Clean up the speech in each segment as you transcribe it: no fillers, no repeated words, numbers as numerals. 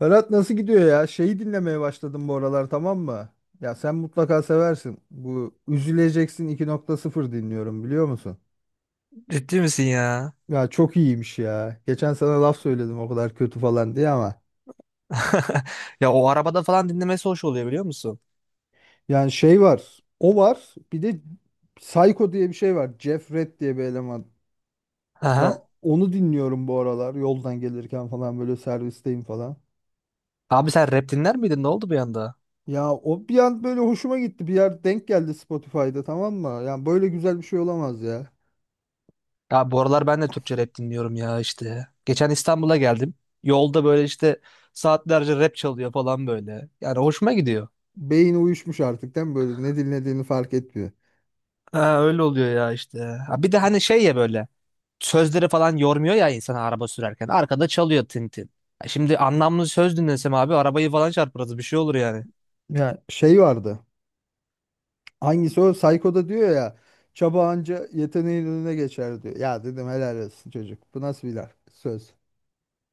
Berat nasıl gidiyor ya? Şeyi dinlemeye başladım bu aralar, tamam mı? Ya sen mutlaka seversin. Bu Üzüleceksin 2.0 dinliyorum, biliyor musun? Ciddi misin ya? Ya çok iyiymiş ya. Geçen sana laf söyledim o kadar kötü falan diye ama. Ya o arabada falan dinlemesi hoş oluyor biliyor musun? Yani şey var. O var. Bir de Psycho diye bir şey var. Jeff Red diye bir eleman. Ya Aha. onu dinliyorum bu aralar. Yoldan gelirken falan böyle, servisteyim falan. Abi sen rap dinler miydin? Ne oldu bir anda? Ya o bir an böyle hoşuma gitti. Bir yer denk geldi Spotify'da, tamam mı? Yani böyle güzel bir şey olamaz ya. Ya bu aralar ben de Türkçe rap dinliyorum ya işte. Geçen İstanbul'a geldim. Yolda böyle işte saatlerce rap çalıyor falan böyle. Yani hoşuma gidiyor. Beyin uyuşmuş artık değil mi? Böyle ne dinlediğini fark etmiyor. Ha, öyle oluyor ya işte. Ha, bir de hani şey ya böyle sözleri falan yormuyor ya insan araba sürerken. Arkada çalıyor Tintin. Şimdi anlamlı söz dinlesem abi arabayı falan çarparız bir şey olur yani. Ya şey vardı. Hangisi o? Psycho'da diyor ya. Çaba anca yeteneğin önüne geçer diyor. Ya dedim helal olsun çocuk. Bu nasıl bir laf, söz?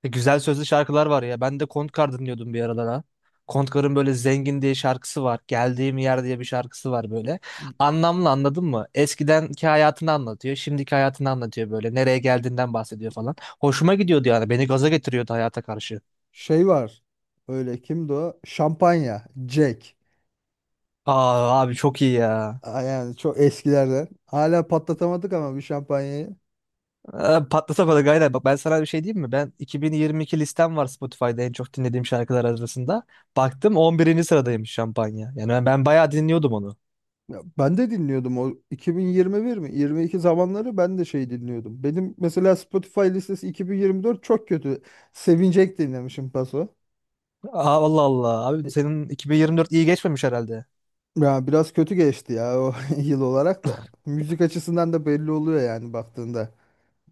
Güzel sözlü şarkılar var ya. Ben de Kontkar dinliyordum bir aralar ha. Kontkar'ın böyle Zengin diye şarkısı var. Geldiğim Yer diye bir şarkısı var böyle. Anlamlı anladın mı? Eskidenki hayatını anlatıyor. Şimdiki hayatını anlatıyor böyle. Nereye geldiğinden bahsediyor falan. Hoşuma gidiyordu yani. Beni gaza getiriyordu hayata karşı. Şey var. Öyle kimdi o? Şampanya. Jack. Aa, abi çok iyi ya. Aa, yani çok eskilerden. Hala patlatamadık ama bir şampanyayı. Ee, patlatamadık aynen. Bak ben sana bir şey diyeyim mi? Ben 2022 listem var Spotify'da en çok dinlediğim şarkılar arasında. Baktım 11. sıradaymış Şampanya. Yani ben bayağı dinliyordum onu. Ya ben de dinliyordum o, 2021 mi? 22 zamanları ben de şey dinliyordum. Benim mesela Spotify listesi 2024 çok kötü. Sevinecek dinlemişim paso. Aa, Allah Allah. E, Abi senin 2024 iyi geçmemiş herhalde. Ya biraz kötü geçti ya o yıl olarak da. Müzik açısından da belli oluyor yani baktığında.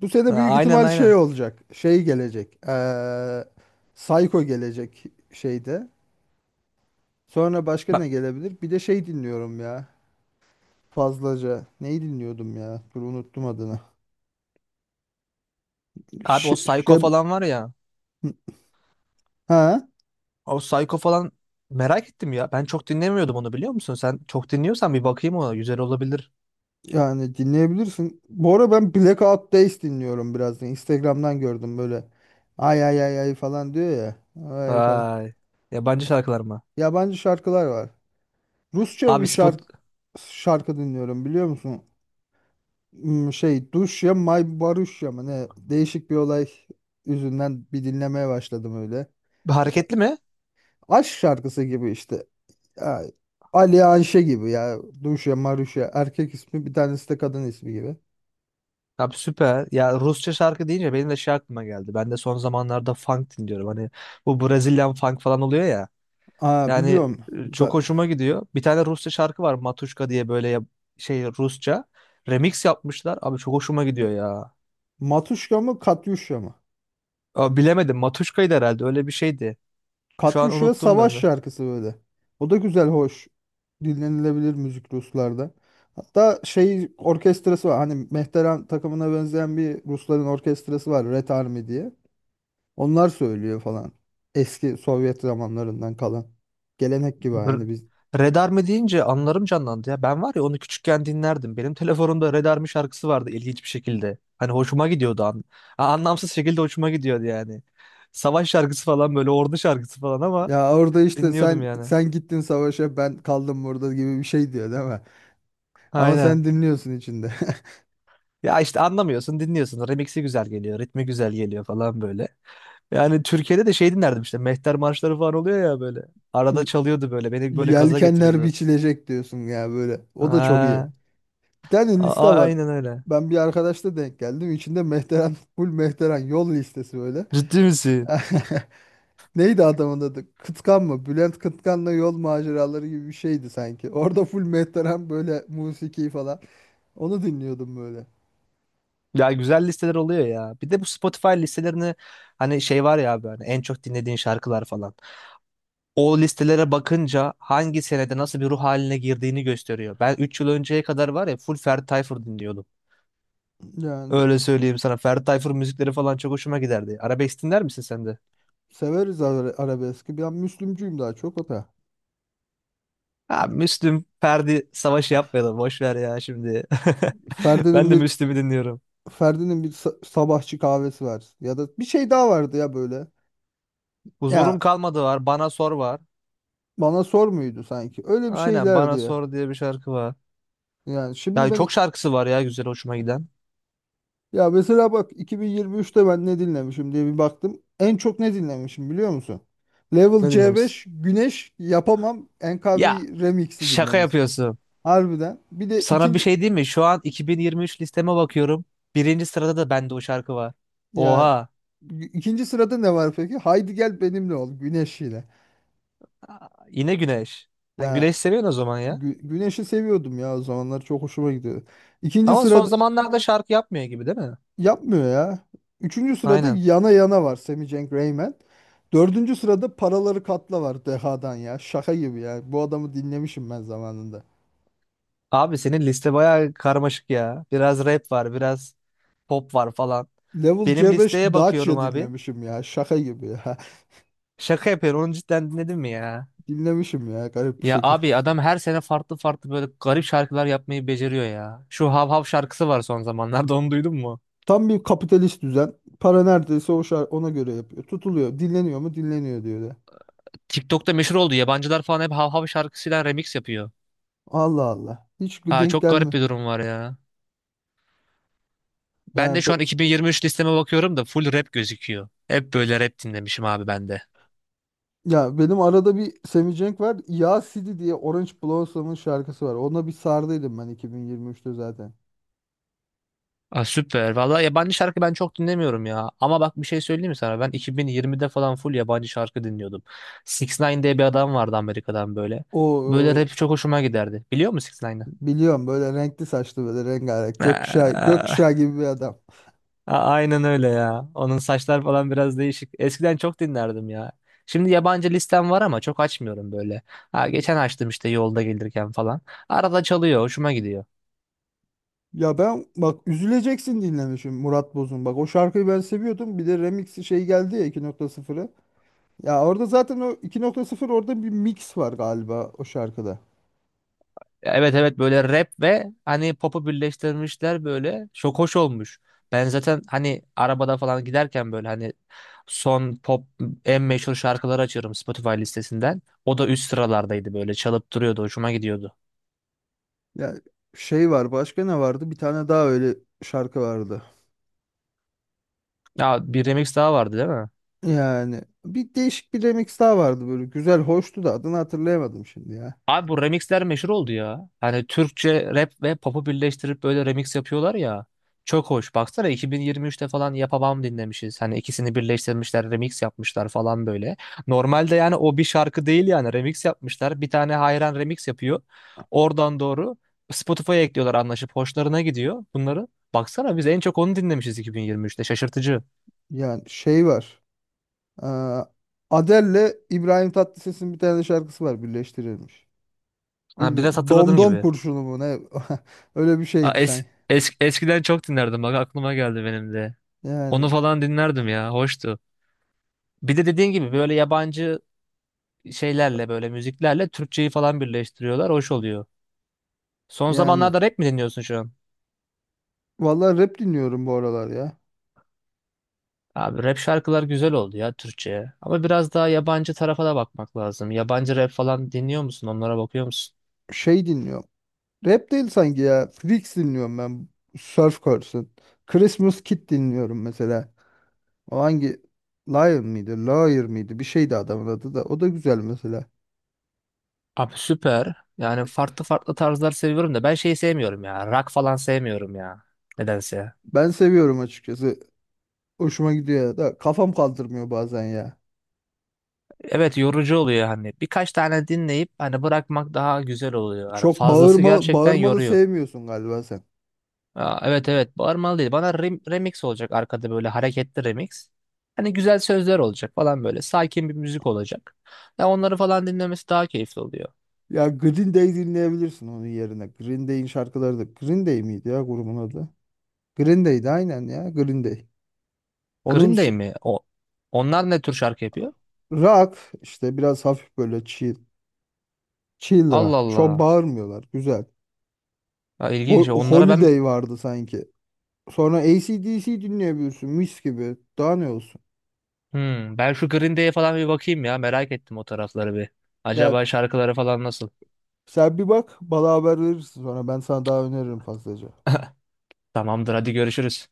Bu sene Ha, büyük aynen ihtimal şey aynen. olacak. Şey gelecek. Psycho gelecek şeyde. Sonra başka ne Bak gelebilir? Bir de şey dinliyorum ya. Fazlaca. Neyi dinliyordum ya? Dur, unuttum adını. abi o Şe- Psycho Şem- falan var ya. ha, O Psycho falan merak ettim ya. Ben çok dinlemiyordum onu biliyor musun? Sen çok dinliyorsan bir bakayım ona. Güzel olabilir. yani dinleyebilirsin. Bu ara ben Blackout Days dinliyorum biraz da. Instagram'dan gördüm böyle. Ay ay ay ay falan diyor ya. Ay falan. Vay. Yabancı şarkılar mı? Yabancı şarkılar var. Rusça bir Abi spot şarkı dinliyorum biliyor musun? Şey, Duşya May Baruşya mı ne? Değişik bir olay yüzünden bir dinlemeye başladım öyle. Bu da hareketli mi? aşk şarkısı gibi işte. Ya, Ali Anşe gibi ya. Duşya Maruşya erkek ismi, bir tanesi de kadın ismi gibi. Abi süper. Ya Rusça şarkı deyince benim de şey aklıma geldi. Ben de son zamanlarda funk dinliyorum. Hani bu Brazilian funk falan oluyor ya. Aa, Yani biliyorum. Çok Za- hoşuma gidiyor. Bir tane Rusça şarkı var Matuşka diye böyle ya- şey Rusça. Remix yapmışlar. Abi çok hoşuma gidiyor ya. Matuşka mı, Katyuşya mı? Abi bilemedim Matuşka'ydı herhalde öyle bir şeydi. Şu an Katyusha unuttum savaş ben de. şarkısı böyle. O da güzel, hoş. Dinlenilebilir müzik Ruslarda. Hatta şey orkestrası var. Hani Mehteran takımına benzeyen bir Rusların orkestrası var. Red Army diye. Onlar söylüyor falan. Eski Sovyet zamanlarından kalan. Gelenek gibi Br- aynı biz. Red Army deyince anılarım canlandı ya. Ben var ya onu küçükken dinlerdim. Benim telefonumda Red Army şarkısı vardı ilginç bir şekilde. Hani hoşuma gidiyordu. Anlamsız şekilde hoşuma gidiyordu yani. Savaş şarkısı falan böyle ordu şarkısı falan ama Ya orada işte dinliyordum sen yani. sen gittin savaşa, ben kaldım burada gibi bir şey diyor değil mi? Ama Aynen. sen dinliyorsun içinde. Ya işte anlamıyorsun, dinliyorsun. Remix'i güzel geliyor, ritmi güzel geliyor falan böyle. Yani Türkiye'de de şey dinlerdim işte. Mehter marşları falan oluyor ya böyle. Arada çalıyordu böyle. Beni böyle gaza Yelkenler getiriyordu. biçilecek diyorsun ya böyle. O da çok iyi. Ha, Bir tane liste var. aynen öyle. Ben bir arkadaşla denk geldim. İçinde Mehteran, full Mehteran yol listesi böyle. Ciddi misin? Neydi adamın adı? Kıtkan mı? Bülent Kıtkan'la yol maceraları gibi bir şeydi sanki. Orada full Mehteran böyle, musiki falan. Onu dinliyordum böyle. Ya güzel listeler oluyor ya. Bir de bu Spotify listelerini hani şey var ya abi hani en çok dinlediğin şarkılar falan. O listelere bakınca hangi senede nasıl bir ruh haline girdiğini gösteriyor. Ben 3 yıl önceye kadar var ya full Ferdi Tayfur dinliyordum. Yani Öyle söyleyeyim sana. Ferdi Tayfur müzikleri falan çok hoşuma giderdi. Arabesk dinler misin sen de? severiz arabeski. Ben Müslümcüyüm daha çok o da. Ha, Müslüm, Ferdi savaşı yapmayalım. Boş ver ya şimdi. Ben Ferdi'nin de bir Müslüm'ü dinliyorum. Ferdi'nin bir sabahçı kahvesi var. Ya da bir şey daha vardı ya böyle. Huzurum Ya, kalmadı var. Bana sor var. bana sor muydu sanki? Öyle bir Aynen, şeylerdi Bana ya. Sor diye bir şarkı var. Yani şimdi Ya ben çok şarkısı var ya güzel hoşuma giden. Ya mesela bak, 2023'te ben ne dinlemişim diye bir baktım. En çok ne dinlemişim biliyor musun? Level Ne dinlemişsin? C5 Güneş Yapamam NKB Ya Remix'i şaka dinlemişsin. yapıyorsun. Harbiden. Bir de Sana bir şey diyeyim mi? Şu an 2023 listeme bakıyorum. Birinci sırada da bende o şarkı var. ya Oha. ikinci sırada ne var peki? Haydi gel benimle ol Güneş ile. Aa, yine Güneş. Sen Ya Güneş seviyorsun o zaman ya. Güneş'i seviyordum ya, o zamanlar çok hoşuma gidiyordu. İkinci Ama son sırada... zamanlarda şarkı yapmıyor gibi değil mi? Yapmıyor ya. Üçüncü sırada Aynen. yana yana var, Semi Cenk Reymen. Dördüncü sırada paraları katla var Deha'dan ya. Şaka gibi ya. Bu adamı dinlemişim ben zamanında. Abi senin liste bayağı karmaşık ya. Biraz rap var, biraz pop var falan. Level Benim C5 listeye bakıyorum Dacia abi. dinlemişim ya. Şaka gibi ya. Şaka yapıyorum. Onu cidden dinledin mi ya? Dinlemişim ya, garip bir Ya şekilde. abi adam her sene farklı farklı böyle garip şarkılar yapmayı beceriyor ya. Şu Hav Hav şarkısı var son zamanlarda onu duydun mu? Tam bir kapitalist düzen. Para neredeyse o şar ona göre yapıyor. Tutuluyor. Dinleniyor mu? Dinleniyor diyor ya. TikTok'ta meşhur oldu. Yabancılar falan hep Hav Hav şarkısıyla remix yapıyor. Allah Allah. Hiç Ha, denk çok garip gelme. bir durum var ya. Ben de Yani be- şu an 2023 listeme bakıyorum da full rap gözüküyor. Hep böyle rap dinlemişim abi ben de. Ya benim arada bir Sammy Cenk var. Ya City diye Orange Blossom'un şarkısı var. Ona bir sardıydım ben 2023'te zaten. Aa, süper. Vallahi yabancı şarkı ben çok dinlemiyorum ya. Ama bak bir şey söyleyeyim mi sana? Ben 2020'de falan full yabancı şarkı dinliyordum. Six ix diye bir adam vardı Amerika'dan böyle. Böyle rap O. çok hoşuma giderdi. Biliyor musun Six ix. Biliyorum, böyle renkli saçlı, böyle rengarenk, gökkuşağı, Aa, gökkuşağı gibi bir adam. Aynen öyle ya. Onun saçlar falan biraz değişik. Eskiden çok dinlerdim ya. Şimdi yabancı listem var ama çok açmıyorum böyle. Ha, geçen açtım işte yolda gelirken falan. Arada çalıyor, hoşuma gidiyor. Ya ben bak Üzüleceksin dinlemişim Murat Boz'un. Bak, o şarkıyı ben seviyordum. Bir de remixi şey geldi ya, 2.0'ı. Ya orada zaten o 2.0 orada bir mix var galiba o şarkıda. Evet evet böyle rap ve hani pop'u birleştirmişler böyle. Çok hoş olmuş. Ben zaten hani arabada falan giderken böyle hani son pop en meşhur şarkıları açıyorum Spotify listesinden. O da üst sıralardaydı böyle çalıp duruyordu hoşuma gidiyordu. Ya şey var, başka ne vardı? Bir tane daha öyle şarkı vardı. Ya bir remix daha vardı değil mi? Yani bir değişik bir remix daha vardı böyle, güzel hoştu da adını hatırlayamadım şimdi ya. Abi bu remixler meşhur oldu ya. Hani Türkçe rap ve pop'u birleştirip böyle remix yapıyorlar ya. Çok hoş. Baksana 2023'te falan Yapamam dinlemişiz. Hani ikisini birleştirmişler, remix yapmışlar falan böyle. Normalde yani o bir şarkı değil yani remix yapmışlar. Bir tane hayran remix yapıyor. Oradan doğru Spotify'a ekliyorlar anlaşıp hoşlarına gidiyor bunları. Baksana biz en çok onu dinlemişiz 2023'te. Şaşırtıcı. Yani şey var. Aa, Adele'le İbrahim Tatlıses'in bir tane şarkısı var birleştirilmiş. Ha, bir de Bilmiyorum. hatırladığım Domdom gibi. kurşunu mu ne? Öyle bir Ha, şeydi sen. Eskiden çok dinlerdim. Bak aklıma geldi benim de. Yani Onu falan dinlerdim ya. Hoştu. Bir de dediğin gibi böyle yabancı şeylerle böyle müziklerle Türkçeyi falan birleştiriyorlar. Hoş oluyor. Son yani zamanlarda rap mi dinliyorsun şu an? vallahi rap dinliyorum bu aralar ya. Abi rap şarkılar güzel oldu ya Türkçe'ye. Ama biraz daha yabancı tarafa da bakmak lazım. Yabancı rap falan dinliyor musun? Onlara bakıyor musun? Şey dinliyorum. Rap değil sanki ya. Freaks dinliyorum ben. Surf Curse'ın. Christmas Kid dinliyorum mesela. O hangi, Liar mıydı, Lawyer mıydı? Bir şeydi adamın adı da. O da güzel mesela. Abi süper. Yani farklı farklı tarzlar seviyorum da ben şeyi sevmiyorum ya. Rock falan sevmiyorum ya. Nedense. Ben seviyorum açıkçası. Hoşuma gidiyor ya da kafam kaldırmıyor bazen ya. Evet yorucu oluyor hani. Birkaç tane dinleyip hani bırakmak daha güzel oluyor. Hani Çok fazlası bağırmalı, gerçekten bağırmalı yoruyor. sevmiyorsun galiba sen. Aa, evet evet bağırmalı değil. Bana remix olacak arkada böyle hareketli remix. Hani güzel sözler olacak falan böyle. Sakin bir müzik olacak. Ya onları falan dinlemesi daha keyifli oluyor. Ya Green Day dinleyebilirsin onun yerine. Green Day'in şarkıları da... Green Day miydi ya grubun adı? Green Day'di aynen ya, Green Day. Onun Green Day ş- mi? O, onlar ne tür şarkı yapıyor? Rock işte, biraz hafif böyle chill. Chill Allah rock. Çok Allah. bağırmıyorlar. Güzel. Ya, ilginç. Onlara ben. Holiday vardı sanki. Sonra AC/DC dinleyebiliyorsun mis gibi. Daha ne olsun? Hmm, ben şu Green Day'e falan bir bakayım ya. Merak ettim o tarafları bir. Ya Acaba şarkıları falan nasıl? sen bir bak, bana haber verirsin sonra, ben sana daha öneririm fazlaca. Tamamdır hadi görüşürüz.